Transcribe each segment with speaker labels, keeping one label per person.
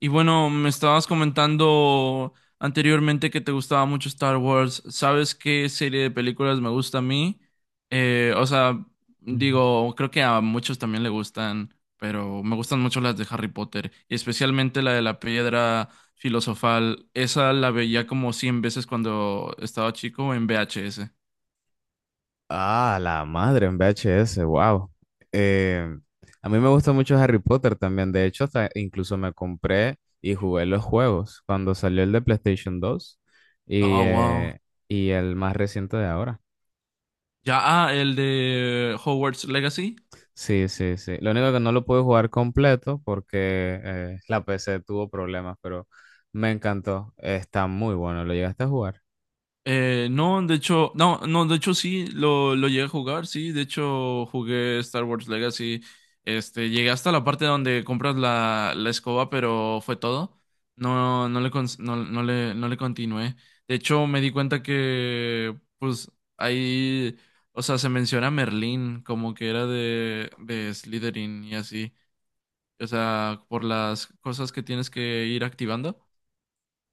Speaker 1: Y bueno, me estabas comentando anteriormente que te gustaba mucho Star Wars. ¿Sabes qué serie de películas me gusta a mí? Eh, o sea,
Speaker 2: Ujú.
Speaker 1: digo, creo que a muchos también le gustan, pero me gustan mucho las de Harry Potter, y especialmente la de la piedra filosofal. Esa la veía como 100 veces cuando estaba chico en VHS.
Speaker 2: Ah, la madre en VHS, wow. A mí me gusta mucho Harry Potter también. De hecho, hasta incluso me compré y jugué los juegos cuando salió el de PlayStation 2 y,
Speaker 1: Oh, wow.
Speaker 2: eh, y el más reciente de ahora.
Speaker 1: Ya, ah, el de Hogwarts Legacy.
Speaker 2: Sí, sí, sí. Lo único que no lo pude jugar completo porque la PC tuvo problemas, pero me encantó. Está muy bueno. ¿Lo llegaste a jugar?
Speaker 1: No, de hecho, no, no, de hecho sí, lo llegué a jugar, sí, de hecho jugué Star Wars Legacy, este, llegué hasta la parte donde compras la escoba, pero fue todo, no, no le, cons- no, no le, no le continué, de hecho me di cuenta que, pues, ahí, o sea, se menciona Merlín, como que era de Slytherin y así, o sea, por las cosas que tienes que ir activando,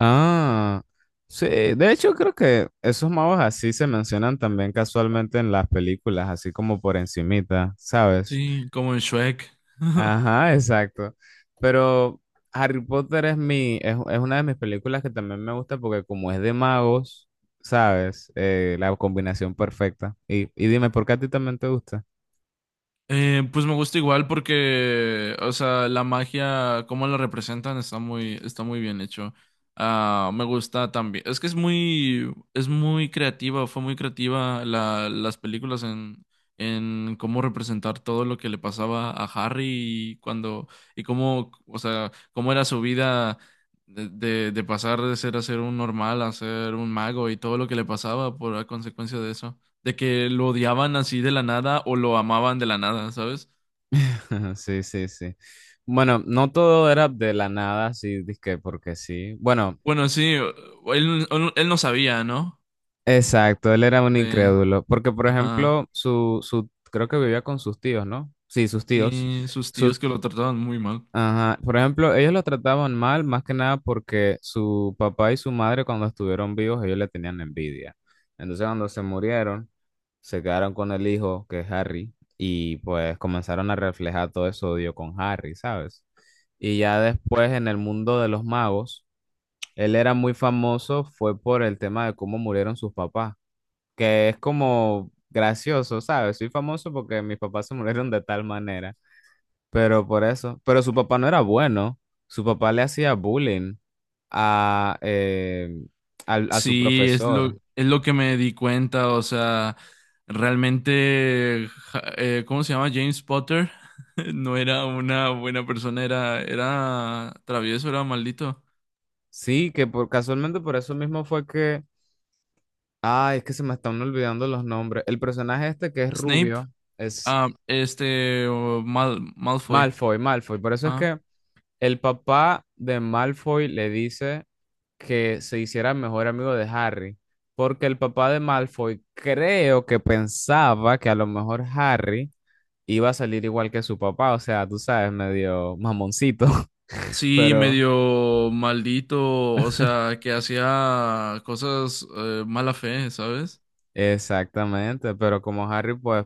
Speaker 2: Ah, sí, de hecho creo que esos magos así se mencionan también casualmente en las películas, así como por encimita, ¿sabes?
Speaker 1: sí, como en Shrek.
Speaker 2: Ajá, exacto. Pero Harry Potter es una de mis películas que también me gusta porque como es de magos, ¿sabes? La combinación perfecta. Y dime, ¿por qué a ti también te gusta?
Speaker 1: Pues me gusta igual porque, o sea, la magia, cómo la representan, está muy bien hecho. Ah, me gusta también. Es que es muy creativa, fue muy creativa las películas en cómo representar todo lo que le pasaba a Harry y cuando, y cómo, o sea, cómo era su vida de pasar de ser a ser un normal a ser un mago y todo lo que le pasaba por a consecuencia de eso de que lo odiaban así de la nada o lo amaban de la nada, ¿sabes?
Speaker 2: Sí, sí, sí. Bueno, no todo era de la nada, sí, dizque porque sí. Bueno,
Speaker 1: Bueno, sí, él no sabía, ¿no?
Speaker 2: exacto, él era un
Speaker 1: Sí,
Speaker 2: incrédulo, porque por
Speaker 1: ajá,
Speaker 2: ejemplo, su, creo que vivía con sus tíos, ¿no? Sí, sus tíos.
Speaker 1: sí, sus
Speaker 2: Su,
Speaker 1: tíos que lo trataban muy mal.
Speaker 2: ajá. Por ejemplo, ellos lo trataban mal, más que nada porque su papá y su madre cuando estuvieron vivos, ellos le tenían envidia. Entonces, cuando se murieron, se quedaron con el hijo, que es Harry, y pues comenzaron a reflejar todo ese odio con Harry, ¿sabes? Y ya después en el mundo de los magos, él era muy famoso, fue por el tema de cómo murieron sus papás, que es como gracioso, ¿sabes? Soy famoso porque mis papás se murieron de tal manera, pero por eso, pero su papá no era bueno, su papá le hacía bullying a, a su
Speaker 1: Sí,
Speaker 2: profesor,
Speaker 1: es lo que me di cuenta, o sea, realmente, ¿cómo se llama? James Potter no era una buena persona, era travieso, era maldito.
Speaker 2: sí, que por, casualmente por eso mismo fue que, ay, es que se me están olvidando los nombres, el personaje este que es
Speaker 1: Snape,
Speaker 2: rubio es
Speaker 1: Malfoy.
Speaker 2: Malfoy, Malfoy, por eso es que el papá de Malfoy le dice que se hiciera mejor amigo de Harry, porque el papá de Malfoy creo que pensaba que a lo mejor Harry iba a salir igual que su papá, o sea, tú sabes, medio mamoncito.
Speaker 1: Sí,
Speaker 2: Pero
Speaker 1: medio maldito, o sea, que hacía cosas mala fe, ¿sabes?
Speaker 2: exactamente, pero como Harry pues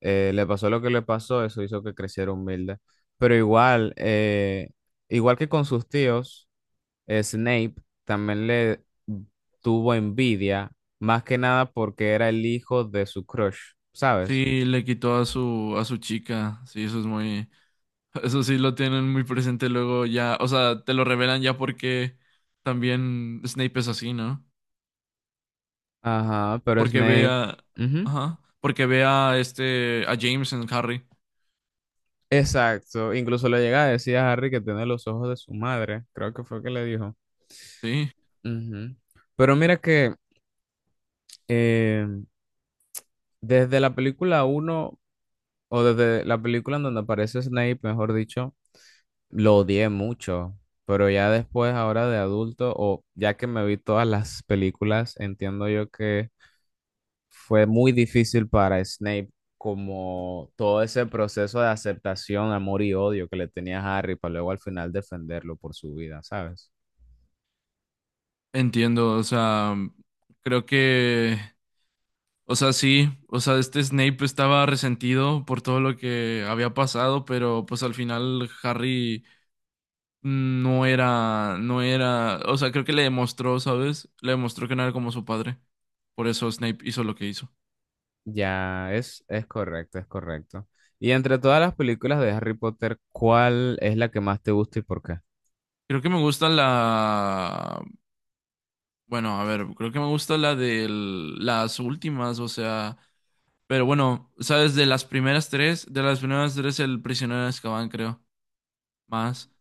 Speaker 2: le pasó lo que le pasó, eso hizo que creciera humilde, pero igual, igual que con sus tíos, Snape también le tuvo envidia, más que nada porque era el hijo de su crush, ¿sabes?
Speaker 1: Sí, le quitó a su chica. Sí, eso es muy eso sí lo tienen muy presente luego ya, o sea, te lo revelan ya porque también Snape es así, ¿no?
Speaker 2: Ajá, pero
Speaker 1: Porque ve
Speaker 2: Snape.
Speaker 1: a
Speaker 2: Ujú,
Speaker 1: ajá, porque ve a este a James en Harry.
Speaker 2: exacto. Incluso le llega a decir a Harry que tiene los ojos de su madre. Creo que fue que le dijo.
Speaker 1: Sí,
Speaker 2: Ujú. Pero mira que eh, desde la película uno o desde la película en donde aparece Snape, mejor dicho, lo odié mucho. Pero ya después, ahora de adulto, o ya que me vi todas las películas, entiendo yo que fue muy difícil para Snape como todo ese proceso de aceptación, amor y odio que le tenía a Harry para luego al final defenderlo por su vida, ¿sabes?
Speaker 1: entiendo, o sea, creo que o sea, sí, o sea, este Snape estaba resentido por todo lo que había pasado, pero pues al final Harry no era, o sea, creo que le demostró, ¿sabes? Le demostró que no era como su padre. Por eso Snape hizo lo que hizo.
Speaker 2: Ya, es correcto, es correcto. Y entre todas las películas de Harry Potter, ¿cuál es la que más te gusta y por qué?
Speaker 1: Creo que me gusta bueno, a ver, creo que me gusta la de las últimas, o sea, pero bueno, ¿sabes? De las primeras tres, el prisionero de Azkaban, creo, más.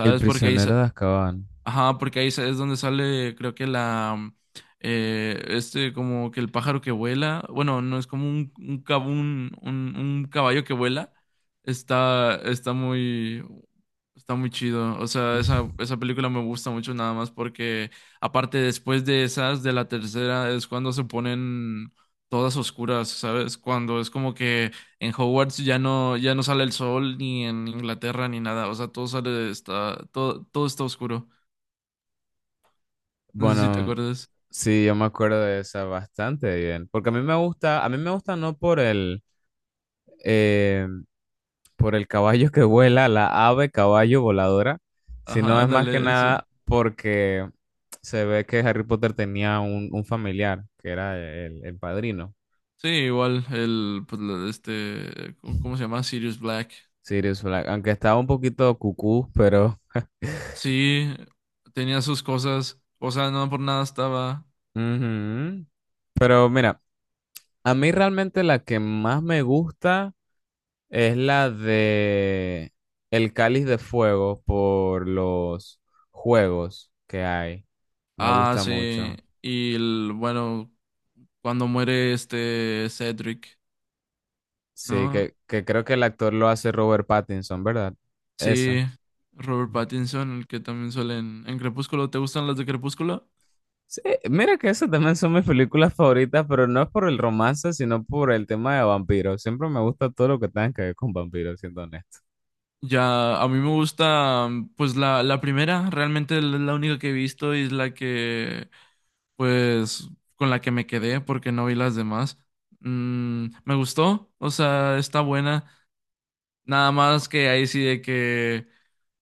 Speaker 2: El
Speaker 1: Porque
Speaker 2: prisionero de Azkaban.
Speaker 1: ajá, porque ahí es donde sale, creo que como que el pájaro que vuela, bueno, no es como un caballo que vuela, está, está muy, está muy chido, o sea, esa película me gusta mucho nada más porque, aparte, después de esas, de la tercera, es cuando se ponen todas oscuras, ¿sabes? Cuando es como que en Hogwarts ya no sale el sol, ni en Inglaterra, ni nada, o sea, todo sale, todo está oscuro. No sé si te
Speaker 2: Bueno,
Speaker 1: acuerdas.
Speaker 2: sí, yo me acuerdo de esa bastante bien, porque a mí me gusta, a mí me gusta no por el, eh, por el caballo que vuela, la ave caballo voladora, sino
Speaker 1: Ajá,
Speaker 2: es más que
Speaker 1: ándale, eso.
Speaker 2: nada porque se ve que Harry Potter tenía un familiar, que era el padrino,
Speaker 1: Sí, igual, el, pues, la- este, ¿cómo cómo se llama? Sirius Black.
Speaker 2: Sirius Black, aunque estaba un poquito cucú, pero...
Speaker 1: Sí, tenía sus cosas. O sea, no por nada estaba.
Speaker 2: Ujú. Pero mira, a mí realmente la que más me gusta es la de El Cáliz de Fuego por los juegos que hay. Me
Speaker 1: Ah,
Speaker 2: gusta
Speaker 1: sí.
Speaker 2: mucho.
Speaker 1: Y el, bueno, cuando muere este Cedric,
Speaker 2: Sí,
Speaker 1: ¿no?
Speaker 2: que creo que el actor lo hace Robert Pattinson, ¿verdad? Esa.
Speaker 1: Sí, Robert Pattinson, el que también suele en Crepúsculo. ¿Te gustan las de Crepúsculo?
Speaker 2: Sí, mira que esas también son mis películas favoritas, pero no es por el romance, sino por el tema de vampiros. Siempre me gusta todo lo que tenga que ver con vampiros, siendo honesto.
Speaker 1: Ya, a mí me gusta, pues la primera, realmente es la única que he visto y es la que pues con la que me quedé porque no vi las demás. Mm, me gustó, o sea, está buena. Nada más que ahí sí de que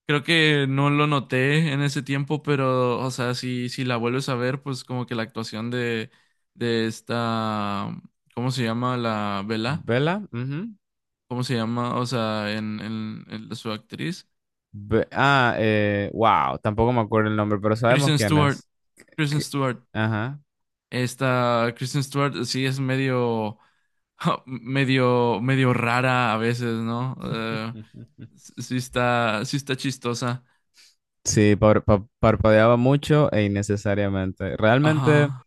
Speaker 1: creo que no lo noté en ese tiempo, pero o sea, si la vuelves a ver, pues como que la actuación de esta, ¿cómo se llama? La Vela,
Speaker 2: ¿Vela? Ujú.
Speaker 1: ¿cómo se llama? O sea, en su actriz.
Speaker 2: Wow, tampoco me acuerdo el nombre, pero sabemos
Speaker 1: Kristen
Speaker 2: quién
Speaker 1: Stewart,
Speaker 2: es.
Speaker 1: Kristen
Speaker 2: Que-
Speaker 1: Stewart.
Speaker 2: ajá.
Speaker 1: Esta Kristen Stewart sí es medio medio rara a veces, ¿no? Sí está chistosa.
Speaker 2: Sí, parpadeaba mucho e innecesariamente. Realmente.
Speaker 1: Ajá.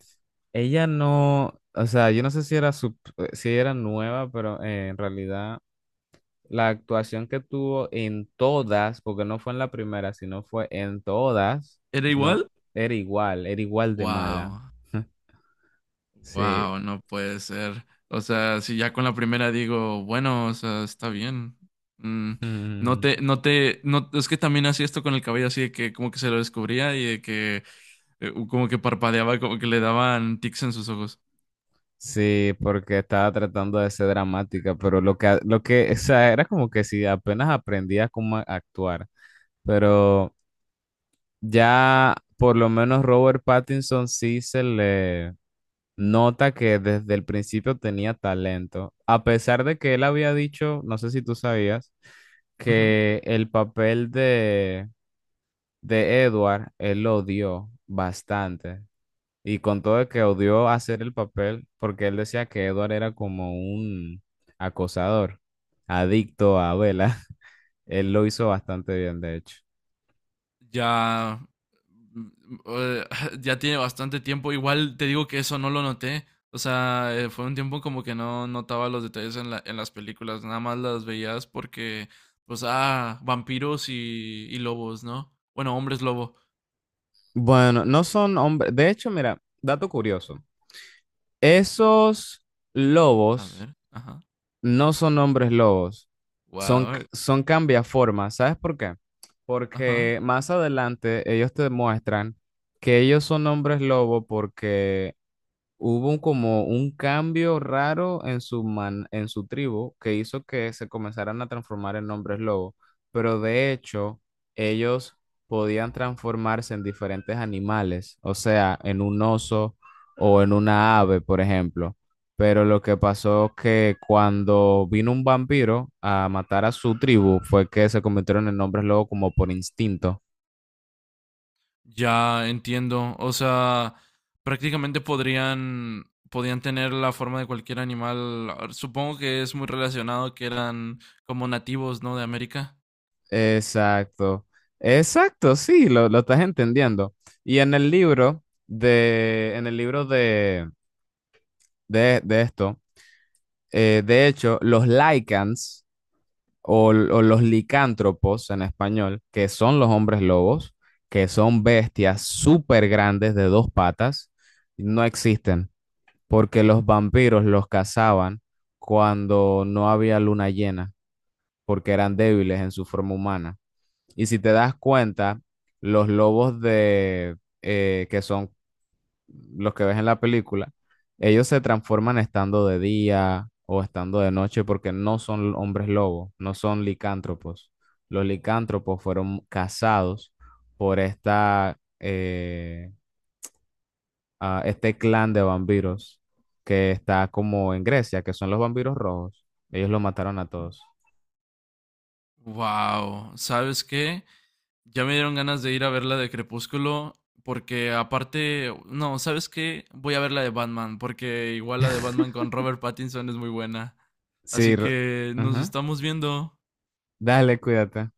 Speaker 2: Ella no, o sea, yo no sé si era sub, si era nueva, pero en realidad la actuación que tuvo en todas, porque no fue en la primera, sino fue en todas,
Speaker 1: ¿Era
Speaker 2: no,
Speaker 1: igual?
Speaker 2: era igual de mala.
Speaker 1: Wow.
Speaker 2: Sí.
Speaker 1: Wow, no puede ser. O sea, si ya con la primera digo, bueno, o sea, está bien. Mm,
Speaker 2: Mm,
Speaker 1: no, es que también hacía esto con el cabello así de que como que se lo descubría y de que como que parpadeaba, como que le daban tics en sus ojos.
Speaker 2: sí, porque estaba tratando de ser dramática, pero lo que, o sea, era como que si apenas aprendía cómo actuar, pero ya por lo menos Robert Pattinson sí se le nota que desde el principio tenía talento, a pesar de que él había dicho, no sé si tú sabías, que el papel de Edward, él lo odió bastante. Y con todo de que odió hacer el papel, porque él decía que Edward era como un acosador, adicto a Bella. Él lo hizo bastante bien, de hecho.
Speaker 1: Ya, mm, eh, ya tiene bastante tiempo. Igual te digo que eso no lo noté. O sea, fue un tiempo como que no notaba los detalles en en las películas, nada más las veías porque, pues, ah, vampiros y lobos, ¿no? Bueno, hombres lobo.
Speaker 2: Bueno, no son hombres. De hecho, mira, dato curioso. Esos
Speaker 1: A
Speaker 2: lobos
Speaker 1: ver, ajá.
Speaker 2: no son hombres lobos, son,
Speaker 1: Wow,
Speaker 2: son cambiaformas. ¿Sabes por qué?
Speaker 1: ajá.
Speaker 2: Porque más adelante ellos te muestran que ellos son hombres lobo porque hubo un, como un cambio raro en su, en su tribu que hizo que se comenzaran a transformar en hombres lobo, pero de hecho ellos podían transformarse en diferentes animales, o sea, en un oso o en una ave, por ejemplo. Pero lo que pasó que cuando vino un vampiro a matar a su tribu fue que se convirtieron en hombres lobo como por instinto.
Speaker 1: Ya entiendo. O sea, podían tener la forma de cualquier animal. Supongo que es muy relacionado que eran como nativos, ¿no? De América.
Speaker 2: Exacto, exacto, sí, lo estás entendiendo. Y en el libro de, en el libro de esto, de hecho, los lycans o, o los licántropos en español, que son los hombres lobos, que son bestias súper grandes de dos patas, no existen, porque los vampiros los cazaban cuando no había luna llena, porque eran débiles en su forma humana. Y si te das cuenta, los lobos de, que son los que ves en la película, ellos se transforman estando de día o estando de noche porque no son hombres lobos, no son licántropos. Los licántropos fueron cazados por esta, este clan de vampiros que está como en Grecia, que son los vampiros rojos. Ellos los mataron a todos.
Speaker 1: Wow, ¿sabes qué? Ya me dieron ganas de ir a ver la de Crepúsculo, porque aparte, no, ¿sabes qué? Voy a ver la de Batman, porque igual la de Batman con Robert Pattinson es muy buena.
Speaker 2: Sí,
Speaker 1: Así
Speaker 2: r-
Speaker 1: que nos
Speaker 2: ajá.
Speaker 1: estamos viendo.
Speaker 2: Dale, cuídate.